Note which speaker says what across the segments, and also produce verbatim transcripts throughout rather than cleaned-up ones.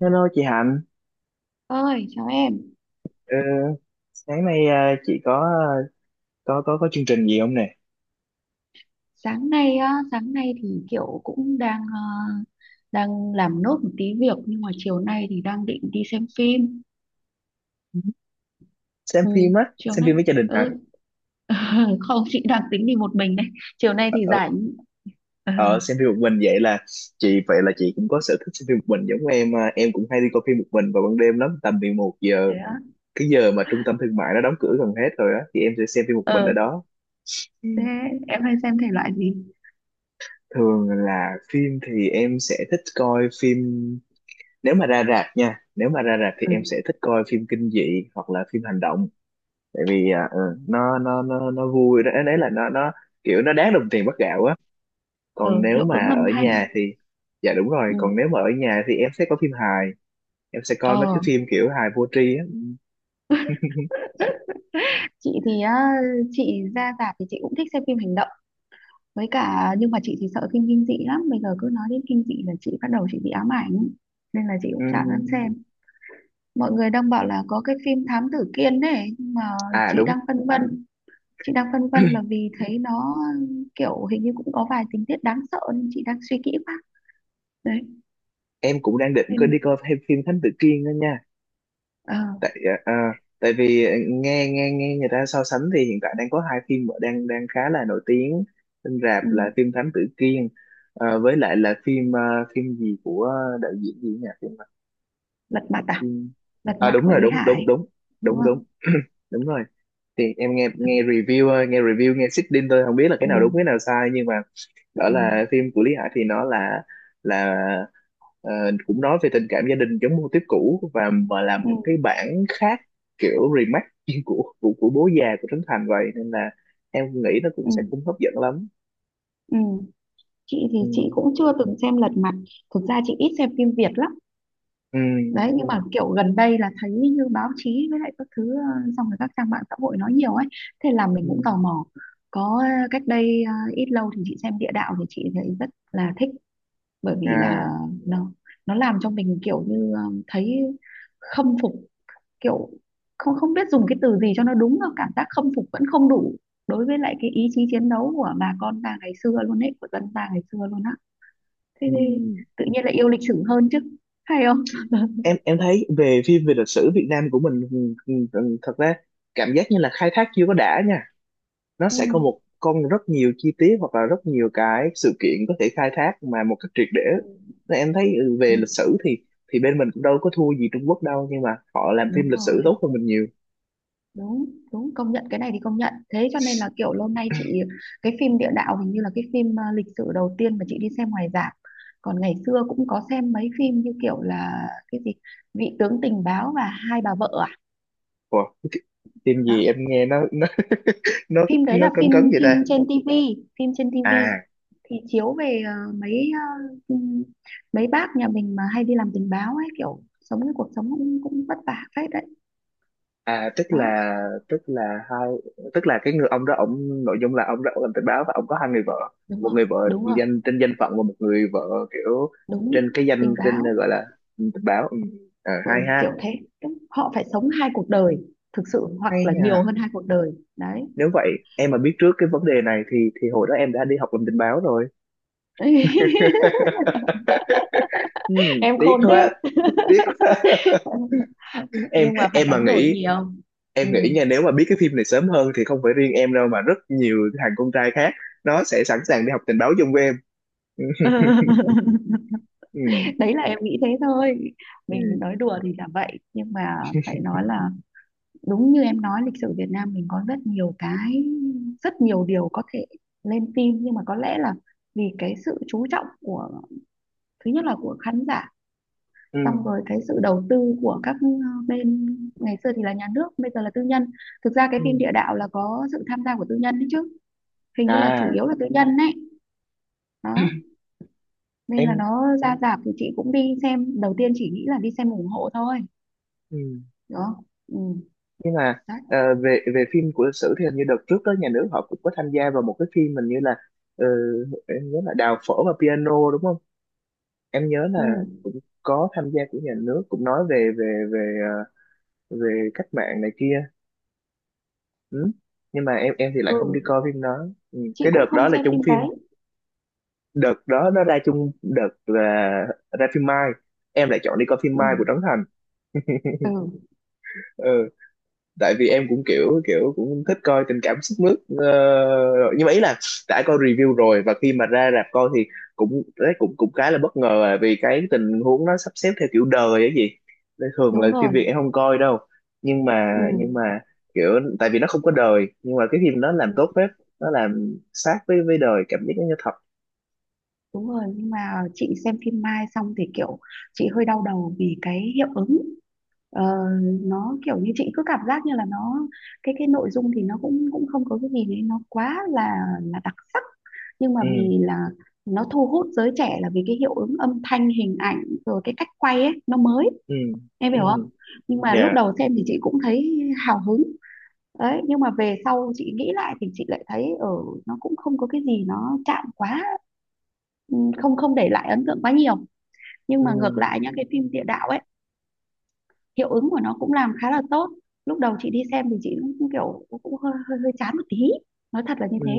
Speaker 1: Hello chị Hạnh.
Speaker 2: Ơi chào em.
Speaker 1: Ờ, Sáng nay à, chị có có có có chương trình gì không nè?
Speaker 2: Sáng nay á sáng nay thì kiểu cũng đang ờ, đang làm nốt một tí việc, nhưng mà chiều nay thì đang định đi xem phim.
Speaker 1: Xem
Speaker 2: Ừ,
Speaker 1: phim á,
Speaker 2: chiều
Speaker 1: xem
Speaker 2: nay.
Speaker 1: phim với gia đình hả?
Speaker 2: Ừ. Không, chị đang tính đi một mình đấy. Chiều nay
Speaker 1: Ở,
Speaker 2: thì
Speaker 1: ở,
Speaker 2: rảnh. Ừ,
Speaker 1: Ở xem phim một mình vậy là chị vậy là chị cũng có sở thích xem phim một mình giống em, à. Em cũng hay đi coi phim một mình vào ban đêm lắm, tầm mười một giờ,
Speaker 2: thế á?
Speaker 1: cái giờ mà trung tâm thương mại nó đóng cửa gần hết rồi á, thì em sẽ xem phim một mình
Speaker 2: ờ
Speaker 1: ở đó. Ừ.
Speaker 2: Thế em hay xem thể loại gì?
Speaker 1: Thường là phim thì em sẽ thích coi phim, nếu mà ra rạp nha, nếu mà ra rạp thì em sẽ
Speaker 2: Ừ.
Speaker 1: thích coi phim kinh dị hoặc là phim hành động. Tại vì à, ừ, nó nó nó nó vui đó, đấy là nó nó kiểu nó đáng đồng tiền bắt gạo á. Còn
Speaker 2: ờ,
Speaker 1: nếu
Speaker 2: Hiệu ứng
Speaker 1: mà ở
Speaker 2: âm thanh.
Speaker 1: nhà thì dạ đúng rồi,
Speaker 2: Ừ.
Speaker 1: còn nếu mà ở nhà thì em sẽ có phim hài, em sẽ coi mấy
Speaker 2: ờ
Speaker 1: cái phim kiểu hài vô tri á.
Speaker 2: chị thì á, chị ra rạp thì chị cũng thích xem phim hành động, với cả nhưng mà chị thì sợ phim kinh dị lắm. Bây giờ cứ nói đến kinh dị là chị bắt đầu chị bị ám ảnh, nên là chị cũng chả dám
Speaker 1: Ừm.
Speaker 2: xem. Mọi người đang bảo là có cái phim Thám Tử Kiên này, nhưng mà
Speaker 1: À
Speaker 2: chị
Speaker 1: đúng,
Speaker 2: đang phân vân chị đang phân vân là vì thấy nó kiểu hình như cũng có vài tình tiết đáng sợ, nên chị đang suy kỹ quá. Đấy,
Speaker 1: em cũng đang định cứ đi
Speaker 2: nên
Speaker 1: coi thêm phim Thánh Tử Kiên đó nha.
Speaker 2: ờ,
Speaker 1: Tại à, à, tại vì à, nghe nghe nghe người ta so sánh thì hiện tại đang có hai phim mà đang đang khá là nổi tiếng trên rạp
Speaker 2: ừ,
Speaker 1: là phim Thánh Tử Kiên, ờ, với lại là phim ờ, phim gì của đạo diễn gì nhỉ, phim à.
Speaker 2: lật mặt à,
Speaker 1: Ừ.
Speaker 2: lật
Speaker 1: À
Speaker 2: mặt
Speaker 1: đúng
Speaker 2: của
Speaker 1: rồi,
Speaker 2: Lý
Speaker 1: đúng, đúng,
Speaker 2: Hải,
Speaker 1: đúng,
Speaker 2: đúng
Speaker 1: đúng, đúng.
Speaker 2: không?
Speaker 1: Đúng rồi. Thì em nghe nghe review thôi, nghe review, nghe sitting thôi, không biết là cái
Speaker 2: Ừ.
Speaker 1: nào đúng cái nào sai, nhưng mà
Speaker 2: Ừ.
Speaker 1: đó là phim của Lý Hải thì nó là là ờ, cũng nói về tình cảm gia đình, giống mô típ cũ và mà làm
Speaker 2: Ừ.
Speaker 1: một
Speaker 2: Ừ.
Speaker 1: cái bản khác, kiểu remake của của, của bố già của Trấn Thành, vậy nên là em nghĩ nó cũng
Speaker 2: Ừ.
Speaker 1: sẽ cũng hấp dẫn lắm.
Speaker 2: Ừ. Chị thì
Speaker 1: Ừ.
Speaker 2: chị cũng chưa từng xem lật mặt. Thực ra chị ít xem phim Việt lắm
Speaker 1: Ừ.
Speaker 2: đấy, nhưng mà ừ, kiểu gần đây là thấy như báo chí với lại các thứ, ờ, xong rồi các trang mạng xã hội nói nhiều ấy. Thế là mình
Speaker 1: Ừ.
Speaker 2: cũng tò mò. Có ờ, cách đây ờ, ít lâu thì chị xem địa đạo thì chị thấy rất là thích. Bởi vì
Speaker 1: À,
Speaker 2: là nó nó làm cho mình kiểu như ờ, thấy khâm phục. Kiểu không không biết dùng cái từ gì cho nó đúng, là cảm giác khâm phục vẫn không đủ đối với lại cái ý chí chiến đấu của bà con ta ngày xưa luôn ấy, của dân ta ngày xưa luôn á. Thế
Speaker 1: ừ.
Speaker 2: thì tự nhiên lại yêu lịch sử hơn chứ, hay không?
Speaker 1: em em thấy về phim về lịch sử Việt Nam của mình ừ, ừ, ừ, thật ra cảm giác như là khai thác chưa có đã nha, nó sẽ có một con rất nhiều chi tiết hoặc là rất nhiều cái sự kiện có thể khai thác mà một cách triệt để,
Speaker 2: Ừ.
Speaker 1: nên em thấy ừ,
Speaker 2: Ừ,
Speaker 1: về lịch sử thì thì bên mình cũng đâu có thua gì Trung Quốc đâu, nhưng mà họ làm phim
Speaker 2: đúng
Speaker 1: lịch sử
Speaker 2: rồi.
Speaker 1: tốt hơn mình nhiều.
Speaker 2: Đúng, đúng, công nhận cái này thì công nhận. Thế cho nên là kiểu lâu nay chị cái phim địa đạo hình như là cái phim à, lịch sử đầu tiên mà chị đi xem ngoài rạp. Còn ngày xưa cũng có xem mấy phim như kiểu là cái gì, vị tướng tình báo và hai bà vợ à?
Speaker 1: Ủa, cái phim
Speaker 2: Đó,
Speaker 1: gì em nghe nó nó nó
Speaker 2: phim đấy
Speaker 1: nó
Speaker 2: là
Speaker 1: cấn
Speaker 2: phim
Speaker 1: cấn vậy
Speaker 2: phim
Speaker 1: ta?
Speaker 2: trên tivi. Phim trên tivi
Speaker 1: à
Speaker 2: thì chiếu về à, mấy à, ừm, mấy bác nhà mình mà hay đi làm tình báo ấy, kiểu sống cái cuộc sống cũng cũng vất vả phết đấy.
Speaker 1: à tức
Speaker 2: Đó.
Speaker 1: là tức là hai Tức là cái người ông đó, ông nội dung là ông đó, ông làm tình báo và ông có hai người vợ,
Speaker 2: Đúng
Speaker 1: một
Speaker 2: rồi.
Speaker 1: người vợ
Speaker 2: Đúng rồi.
Speaker 1: danh trên danh phận và một người vợ kiểu trên
Speaker 2: Đúng.
Speaker 1: cái danh
Speaker 2: Tình
Speaker 1: trên
Speaker 2: báo.
Speaker 1: gọi là tình báo. Ừ. Ờ,
Speaker 2: Ừ,
Speaker 1: hay ha.
Speaker 2: kiểu thế. Tức họ phải sống hai cuộc đời thực sự, hoặc
Speaker 1: Hay
Speaker 2: là nhiều
Speaker 1: nha.
Speaker 2: hơn hai cuộc đời đấy.
Speaker 1: Nếu vậy em mà biết trước cái vấn đề này thì thì hồi đó em đã đi học làm tình báo rồi. Ừ,
Speaker 2: Em
Speaker 1: tiếc
Speaker 2: khôn thế.
Speaker 1: quá, tiếc quá. em
Speaker 2: Nhưng mà phải
Speaker 1: em mà
Speaker 2: đánh đổi
Speaker 1: nghĩ
Speaker 2: nhiều. Ừ.
Speaker 1: em nghĩ nha, nếu mà biết cái phim này sớm hơn thì không phải riêng em đâu mà rất nhiều thằng con trai khác nó sẽ sẵn sàng đi học tình báo chung với em. Ừ,
Speaker 2: Đấy là em nghĩ thế thôi. Mình
Speaker 1: ừ,
Speaker 2: nói đùa thì là vậy, nhưng mà phải nói là đúng như em nói, lịch sử Việt Nam mình có rất nhiều cái rất nhiều điều có thể lên phim, nhưng mà có lẽ là vì cái sự chú trọng của, thứ nhất là của khán giả,
Speaker 1: ừ, ừ.
Speaker 2: xong rồi cái sự đầu tư của các ờ, bên. Ngày xưa thì là nhà nước, bây giờ là tư nhân. Thực ra cái
Speaker 1: Ừ.
Speaker 2: phim địa đạo là có sự tham gia của tư nhân đấy chứ, hình như là chủ
Speaker 1: À,
Speaker 2: yếu là tư nhân đấy. Đó, nên là
Speaker 1: em,
Speaker 2: nó ra rạp thì chị cũng đi xem đầu tiên, chỉ nghĩ là đi xem ủng hộ thôi.
Speaker 1: ừ.
Speaker 2: Đó. Ừ.
Speaker 1: Nhưng mà
Speaker 2: Đấy.
Speaker 1: ờ, về về phim của lịch sử thì hình như đợt trước đó nhà nước họ cũng có tham gia vào một cái phim mình như là ờ, em nhớ là đào phở và piano đúng không, em nhớ
Speaker 2: Ừ.
Speaker 1: là cũng có tham gia của nhà nước, cũng nói về về về ờ, về cách mạng này kia. Ừ. Nhưng mà em em thì lại không đi
Speaker 2: Ừ.
Speaker 1: coi phim đó. Ừ.
Speaker 2: Chị
Speaker 1: Cái đợt
Speaker 2: cũng không
Speaker 1: đó là
Speaker 2: xem
Speaker 1: chung
Speaker 2: phim
Speaker 1: phim,
Speaker 2: đấy.
Speaker 1: đợt đó nó ra chung đợt là ra phim Mai, em lại chọn đi coi phim
Speaker 2: Ừ.
Speaker 1: Mai của Trấn Thành.
Speaker 2: Ừ,
Speaker 1: Ừ. Tại vì em cũng kiểu kiểu cũng thích coi tình cảm sức mướt, ờ, rồi. Nhưng mà ý là đã coi review rồi, và khi mà ra rạp coi thì cũng đấy cũng cũng khá là bất ngờ à, vì cái tình huống nó sắp xếp theo kiểu đời ấy gì. Nên thường là
Speaker 2: đúng
Speaker 1: phim Việt
Speaker 2: rồi.
Speaker 1: em không coi đâu, nhưng mà nhưng mà
Speaker 2: Ừ.
Speaker 1: kiểu tại vì nó không có đời nhưng mà cái phim nó làm
Speaker 2: Ừ,
Speaker 1: tốt phết, nó làm sát với với đời, cảm giác nó như thật.
Speaker 2: đúng rồi, nhưng mà chị xem phim Mai xong thì kiểu chị hơi đau đầu vì cái hiệu ứng. Ờ, nó kiểu như chị cứ cảm giác như là nó, cái cái nội dung thì nó cũng cũng không có cái gì đấy nó quá là là đặc sắc, nhưng mà vì
Speaker 1: Ừ.
Speaker 2: là nó thu hút giới trẻ là vì cái hiệu ứng âm thanh hình ảnh, rồi cái cách quay ấy nó mới.
Speaker 1: Ừ.
Speaker 2: Em
Speaker 1: Ừ.
Speaker 2: hiểu Ừ. không? Nhưng mà lúc
Speaker 1: Dạ.
Speaker 2: đầu xem thì chị cũng thấy hào hứng. Đấy, nhưng mà về sau chị nghĩ lại thì chị lại thấy ở, nó cũng không có cái gì nó chạm quá. Ừ, không không để lại ấn tượng quá nhiều. Nhưng
Speaker 1: Ừ.
Speaker 2: mà ngược lại nhá, cái phim địa đạo ấy hiệu ứng của nó cũng làm khá là tốt. Lúc đầu chị đi xem thì chị cũng kiểu cũng cũng hơi hơi hơi chán một tí, nói thật là như
Speaker 1: Ừ.
Speaker 2: thế,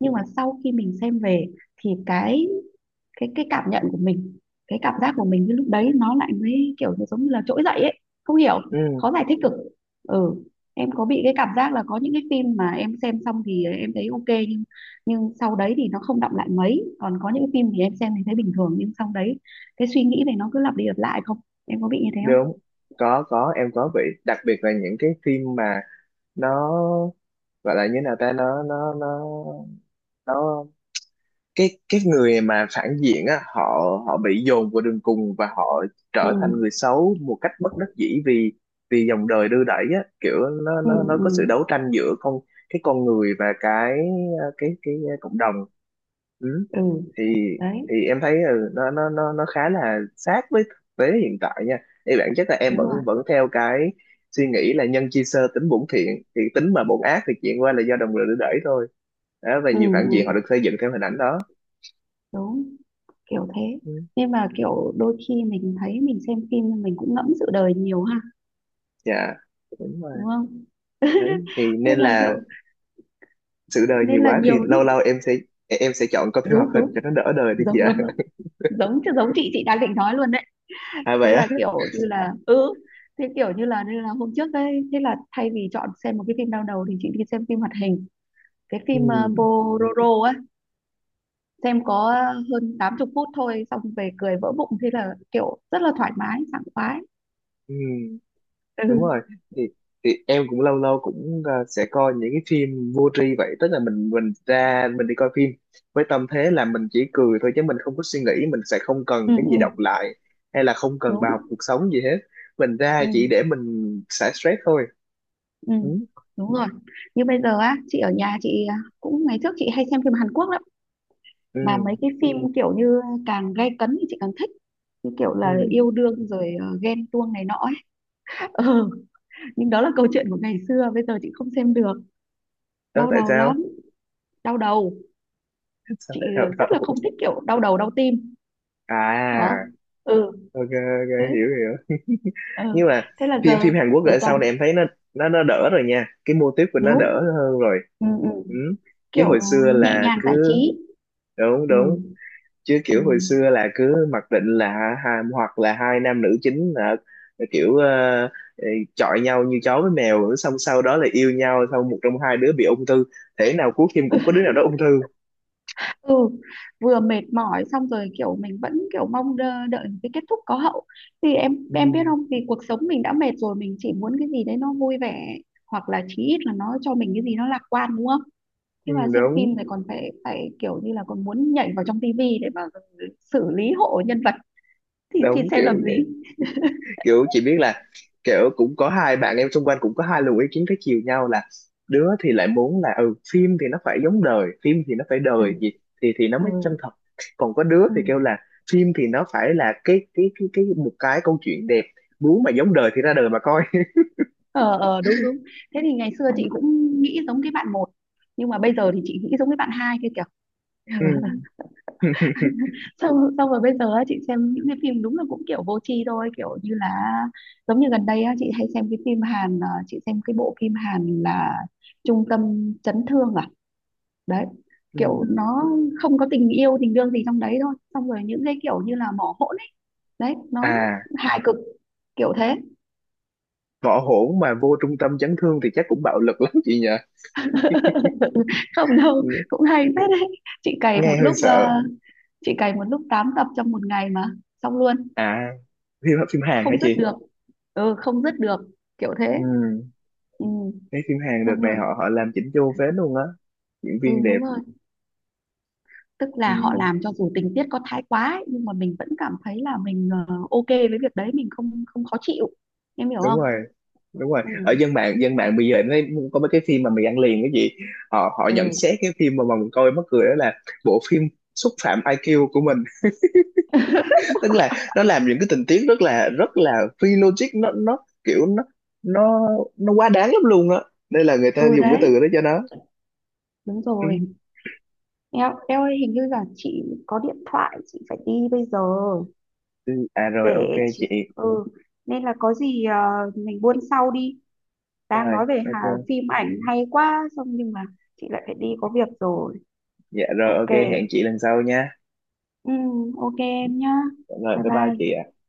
Speaker 2: nhưng mà sau khi mình xem về thì cái cái cái cảm nhận của mình, cái cảm giác của mình cái lúc đấy nó lại mới kiểu như giống như là trỗi dậy ấy. Không hiểu,
Speaker 1: Ừ.
Speaker 2: khó giải thích cực. Ừ, em có bị cái cảm giác là có những cái phim mà em xem xong thì em thấy ok, nhưng nhưng sau đấy thì nó không đọng lại mấy, còn có những cái phim thì em xem thì thấy bình thường, nhưng sau đấy cái suy nghĩ này nó cứ lặp đi lặp lại không? Em có bị như thế không?
Speaker 1: Đúng. Có có, em có bị, đặc biệt là những cái phim mà nó gọi là như nào ta, nó nó nó nó cái cái người mà phản diện á, họ họ bị dồn vào đường cùng và họ
Speaker 2: Ừ.
Speaker 1: trở thành người xấu một cách bất đắc dĩ, vì vì dòng đời đưa đẩy á, kiểu nó
Speaker 2: Ừ.
Speaker 1: nó nó có sự
Speaker 2: Ừ.
Speaker 1: đấu tranh giữa con cái con người và cái cái cái cộng đồng. Ừ.
Speaker 2: Ừ.
Speaker 1: thì
Speaker 2: Đấy,
Speaker 1: thì em thấy ừ, nó nó nó nó khá là sát với thực tế hiện tại nha, thì bản chất là em
Speaker 2: đúng rồi.
Speaker 1: vẫn vẫn theo cái suy nghĩ là nhân chi sơ tính bổn thiện, thì tính mà bổn ác thì chuyện qua là do đồng lửa đẩy thôi, đó, và
Speaker 2: Ừ,
Speaker 1: nhiều phản diện họ được
Speaker 2: ừ.
Speaker 1: xây dựng theo hình ảnh đó.
Speaker 2: Đúng. Kiểu thế.
Speaker 1: Ừ.
Speaker 2: Nhưng mà kiểu đôi khi mình thấy mình xem phim nhưng mình cũng ngẫm sự đời nhiều ha,
Speaker 1: Dạ, đúng rồi.
Speaker 2: đúng không?
Speaker 1: Đấy thì nên
Speaker 2: nên là
Speaker 1: là
Speaker 2: kiểu
Speaker 1: sự đời
Speaker 2: nên
Speaker 1: nhiều
Speaker 2: là
Speaker 1: quá thì
Speaker 2: nhiều lúc
Speaker 1: lâu lâu em sẽ em sẽ chọn coi phim hoạt
Speaker 2: đúng
Speaker 1: hình cho
Speaker 2: đúng,
Speaker 1: nó đỡ đời đi chị
Speaker 2: giống
Speaker 1: ạ.
Speaker 2: giống giống giống chứ giống chị chị đang định nói luôn đấy.
Speaker 1: À
Speaker 2: thế
Speaker 1: vậy á.
Speaker 2: là kiểu như là ừ Thế kiểu như là nên là hôm trước đấy, thế là thay vì chọn xem một cái phim đau đầu thì chị đi xem phim hoạt hình, cái phim uh,
Speaker 1: Ừ.
Speaker 2: Pororo ấy. Xem có hơn tám mươi phút thôi, xong về cười vỡ bụng, thế là kiểu rất là thoải mái sảng khoái.
Speaker 1: Ừ. Đúng rồi.
Speaker 2: Ừ.
Speaker 1: Thì thì em cũng lâu lâu cũng ờ, sẽ coi những cái phim vô tri vậy, tức là mình mình ra mình đi coi phim với tâm thế là mình chỉ cười thôi chứ mình không có suy nghĩ, mình sẽ không cần
Speaker 2: Ừ.
Speaker 1: cái gì đọc
Speaker 2: Ừ,
Speaker 1: lại hay là không cần bài học
Speaker 2: đúng.
Speaker 1: cuộc sống gì hết, mình ra chỉ để
Speaker 2: Ừ.
Speaker 1: mình xả stress thôi.
Speaker 2: Ừ,
Speaker 1: Ừ.
Speaker 2: đúng rồi. Như bây giờ á, chị ở nhà chị, à, cũng ngày trước chị hay xem phim Hàn Quốc lắm.
Speaker 1: Ừ.
Speaker 2: Mà mấy cái phim, Ừ. kiểu như càng gay cấn thì chị càng thích, như kiểu là
Speaker 1: Ừ.
Speaker 2: yêu đương rồi ờ, ghen tuông này nọ ấy. Ừ. Nhưng đó là câu chuyện của ngày xưa, bây giờ chị không xem được.
Speaker 1: Đó,
Speaker 2: Đau
Speaker 1: tại
Speaker 2: đầu
Speaker 1: sao
Speaker 2: lắm. Đau đầu.
Speaker 1: Sao
Speaker 2: Chị
Speaker 1: lại đau
Speaker 2: rất là
Speaker 1: đầu?
Speaker 2: không thích kiểu đau đầu đau tim. Đó.
Speaker 1: À
Speaker 2: Ừ.
Speaker 1: ok, ok,
Speaker 2: Đấy.
Speaker 1: hiểu, hiểu.
Speaker 2: Ừ.
Speaker 1: Nhưng mà
Speaker 2: Thế là
Speaker 1: phim
Speaker 2: giờ
Speaker 1: phim Hàn Quốc
Speaker 2: giờ
Speaker 1: ở
Speaker 2: toàn.
Speaker 1: sau này em thấy nó nó nó đỡ rồi nha, cái mô típ của nó
Speaker 2: Đúng.
Speaker 1: đỡ hơn rồi.
Speaker 2: Ừ, ừ.
Speaker 1: Ừ. Chứ hồi
Speaker 2: Kiểu
Speaker 1: xưa
Speaker 2: nhẹ
Speaker 1: là
Speaker 2: nhàng giải
Speaker 1: cứ,
Speaker 2: trí.
Speaker 1: đúng,
Speaker 2: Ừ.
Speaker 1: đúng. Chứ
Speaker 2: Ừ.
Speaker 1: kiểu hồi xưa là cứ mặc định là ha, hoặc là hai nam nữ chính là kiểu ờ, ờ, chọi nhau như chó với mèo, xong sau đó là yêu nhau, xong một trong hai đứa bị ung thư, thể nào cuối phim cũng có đứa nào đó ung thư.
Speaker 2: Ừ, vừa mệt mỏi, xong rồi kiểu mình vẫn kiểu mong đợi, đợi cái kết thúc có hậu. Thì em em biết
Speaker 1: Ừ,
Speaker 2: không? Vì cuộc sống mình đã mệt rồi, mình chỉ muốn cái gì đấy nó vui vẻ, hoặc là chí ít là nó cho mình cái gì nó lạc quan, đúng không?
Speaker 1: ừ,
Speaker 2: Thế mà xem
Speaker 1: đúng,
Speaker 2: phim thì còn phải phải kiểu như là còn muốn nhảy vào trong tivi để mà xử lý hộ nhân vật, thì thì
Speaker 1: đúng,
Speaker 2: xem
Speaker 1: kiểu
Speaker 2: làm gì.
Speaker 1: kiểu chị biết là, kiểu cũng có hai bạn em xung quanh cũng có hai luồng ý kiến trái chiều nhau là, đứa thì lại muốn là ừ phim thì nó phải giống đời, phim thì nó phải
Speaker 2: Ừ.
Speaker 1: đời gì thì thì nó mới
Speaker 2: Ừ,
Speaker 1: chân thật, còn có đứa thì
Speaker 2: ừ.
Speaker 1: kêu là phim thì nó phải là cái cái cái cái một cái câu chuyện đẹp, muốn mà giống đời thì ra đời mà coi.
Speaker 2: Ờ, ờ, đúng đúng. Thế thì ngày xưa chị cũng nghĩ giống cái bạn một, nhưng mà bây giờ thì chị nghĩ giống cái bạn hai kia kìa.
Speaker 1: Ừ.
Speaker 2: xong xong rồi bây giờ á, chị xem những cái phim đúng là cũng kiểu vô tri thôi, kiểu như là giống như gần đây á, chị hay xem cái phim Hàn à, chị xem cái bộ phim Hàn là Trung tâm chấn thương à. Đấy,
Speaker 1: Ừ.
Speaker 2: kiểu nó không có tình yêu tình đương gì trong đấy thôi, xong rồi những cái kiểu như là mỏ hỗn ấy. Đấy, nói
Speaker 1: À
Speaker 2: hài cực, kiểu thế.
Speaker 1: võ hổn mà vô trung tâm chấn thương thì chắc cũng bạo lực lắm chị nhỉ.
Speaker 2: Không đâu,
Speaker 1: nghe,
Speaker 2: cũng hay phết đấy. chị cày
Speaker 1: Nghe
Speaker 2: một
Speaker 1: hơi
Speaker 2: lúc
Speaker 1: sợ.
Speaker 2: ờ, chị cày một lúc tám tập trong một ngày mà xong luôn.
Speaker 1: À phim phim Hàn hả
Speaker 2: Không dứt
Speaker 1: chị?
Speaker 2: được. Ừ, không dứt được. Kiểu thế.
Speaker 1: Ừ.
Speaker 2: Ừ.
Speaker 1: Cái phim Hàn đợt
Speaker 2: Xong
Speaker 1: này
Speaker 2: rồi.
Speaker 1: họ họ làm chỉnh chu phết luôn á. Diễn viên
Speaker 2: Ừ,
Speaker 1: đẹp.
Speaker 2: đúng rồi. Tức
Speaker 1: Ừ,
Speaker 2: là họ làm cho dù tình tiết có thái quá ấy, nhưng mà mình vẫn cảm thấy là mình ờ, ok với việc đấy, mình không không khó chịu. Em hiểu
Speaker 1: đúng
Speaker 2: không?
Speaker 1: rồi. Đúng rồi.
Speaker 2: Ừ.
Speaker 1: Ở dân mạng dân mạng bây giờ nó có mấy cái phim mà mình ăn liền cái gì. Họ Họ nhận xét
Speaker 2: Ừ.
Speaker 1: cái phim mà mà mình coi mắc cười đó là bộ phim xúc phạm ai kiu của mình. Tức là nó làm những cái tình tiết rất là rất là phi logic, nó nó kiểu nó nó nó quá đáng lắm luôn á. Nên là người ta
Speaker 2: Ừ.
Speaker 1: dùng cái
Speaker 2: Đấy,
Speaker 1: từ đó cho nó.
Speaker 2: đúng
Speaker 1: Ừ.
Speaker 2: rồi. em em ơi, hình như là chị có điện thoại, chị phải đi bây giờ.
Speaker 1: Ừ. À rồi ok
Speaker 2: Để chị,
Speaker 1: chị.
Speaker 2: ừ, nên là có gì ờ, mình buôn sau đi. Đang
Speaker 1: Rồi
Speaker 2: nói về hà,
Speaker 1: ok.
Speaker 2: phim ảnh hay quá, xong nhưng mà chị lại phải đi có việc rồi.
Speaker 1: Dạ rồi
Speaker 2: Ok.
Speaker 1: ok hẹn chị lần sau nha.
Speaker 2: Ừm, ok em nhá.
Speaker 1: Dạ rồi
Speaker 2: Bye
Speaker 1: bye bye
Speaker 2: bye.
Speaker 1: chị ạ.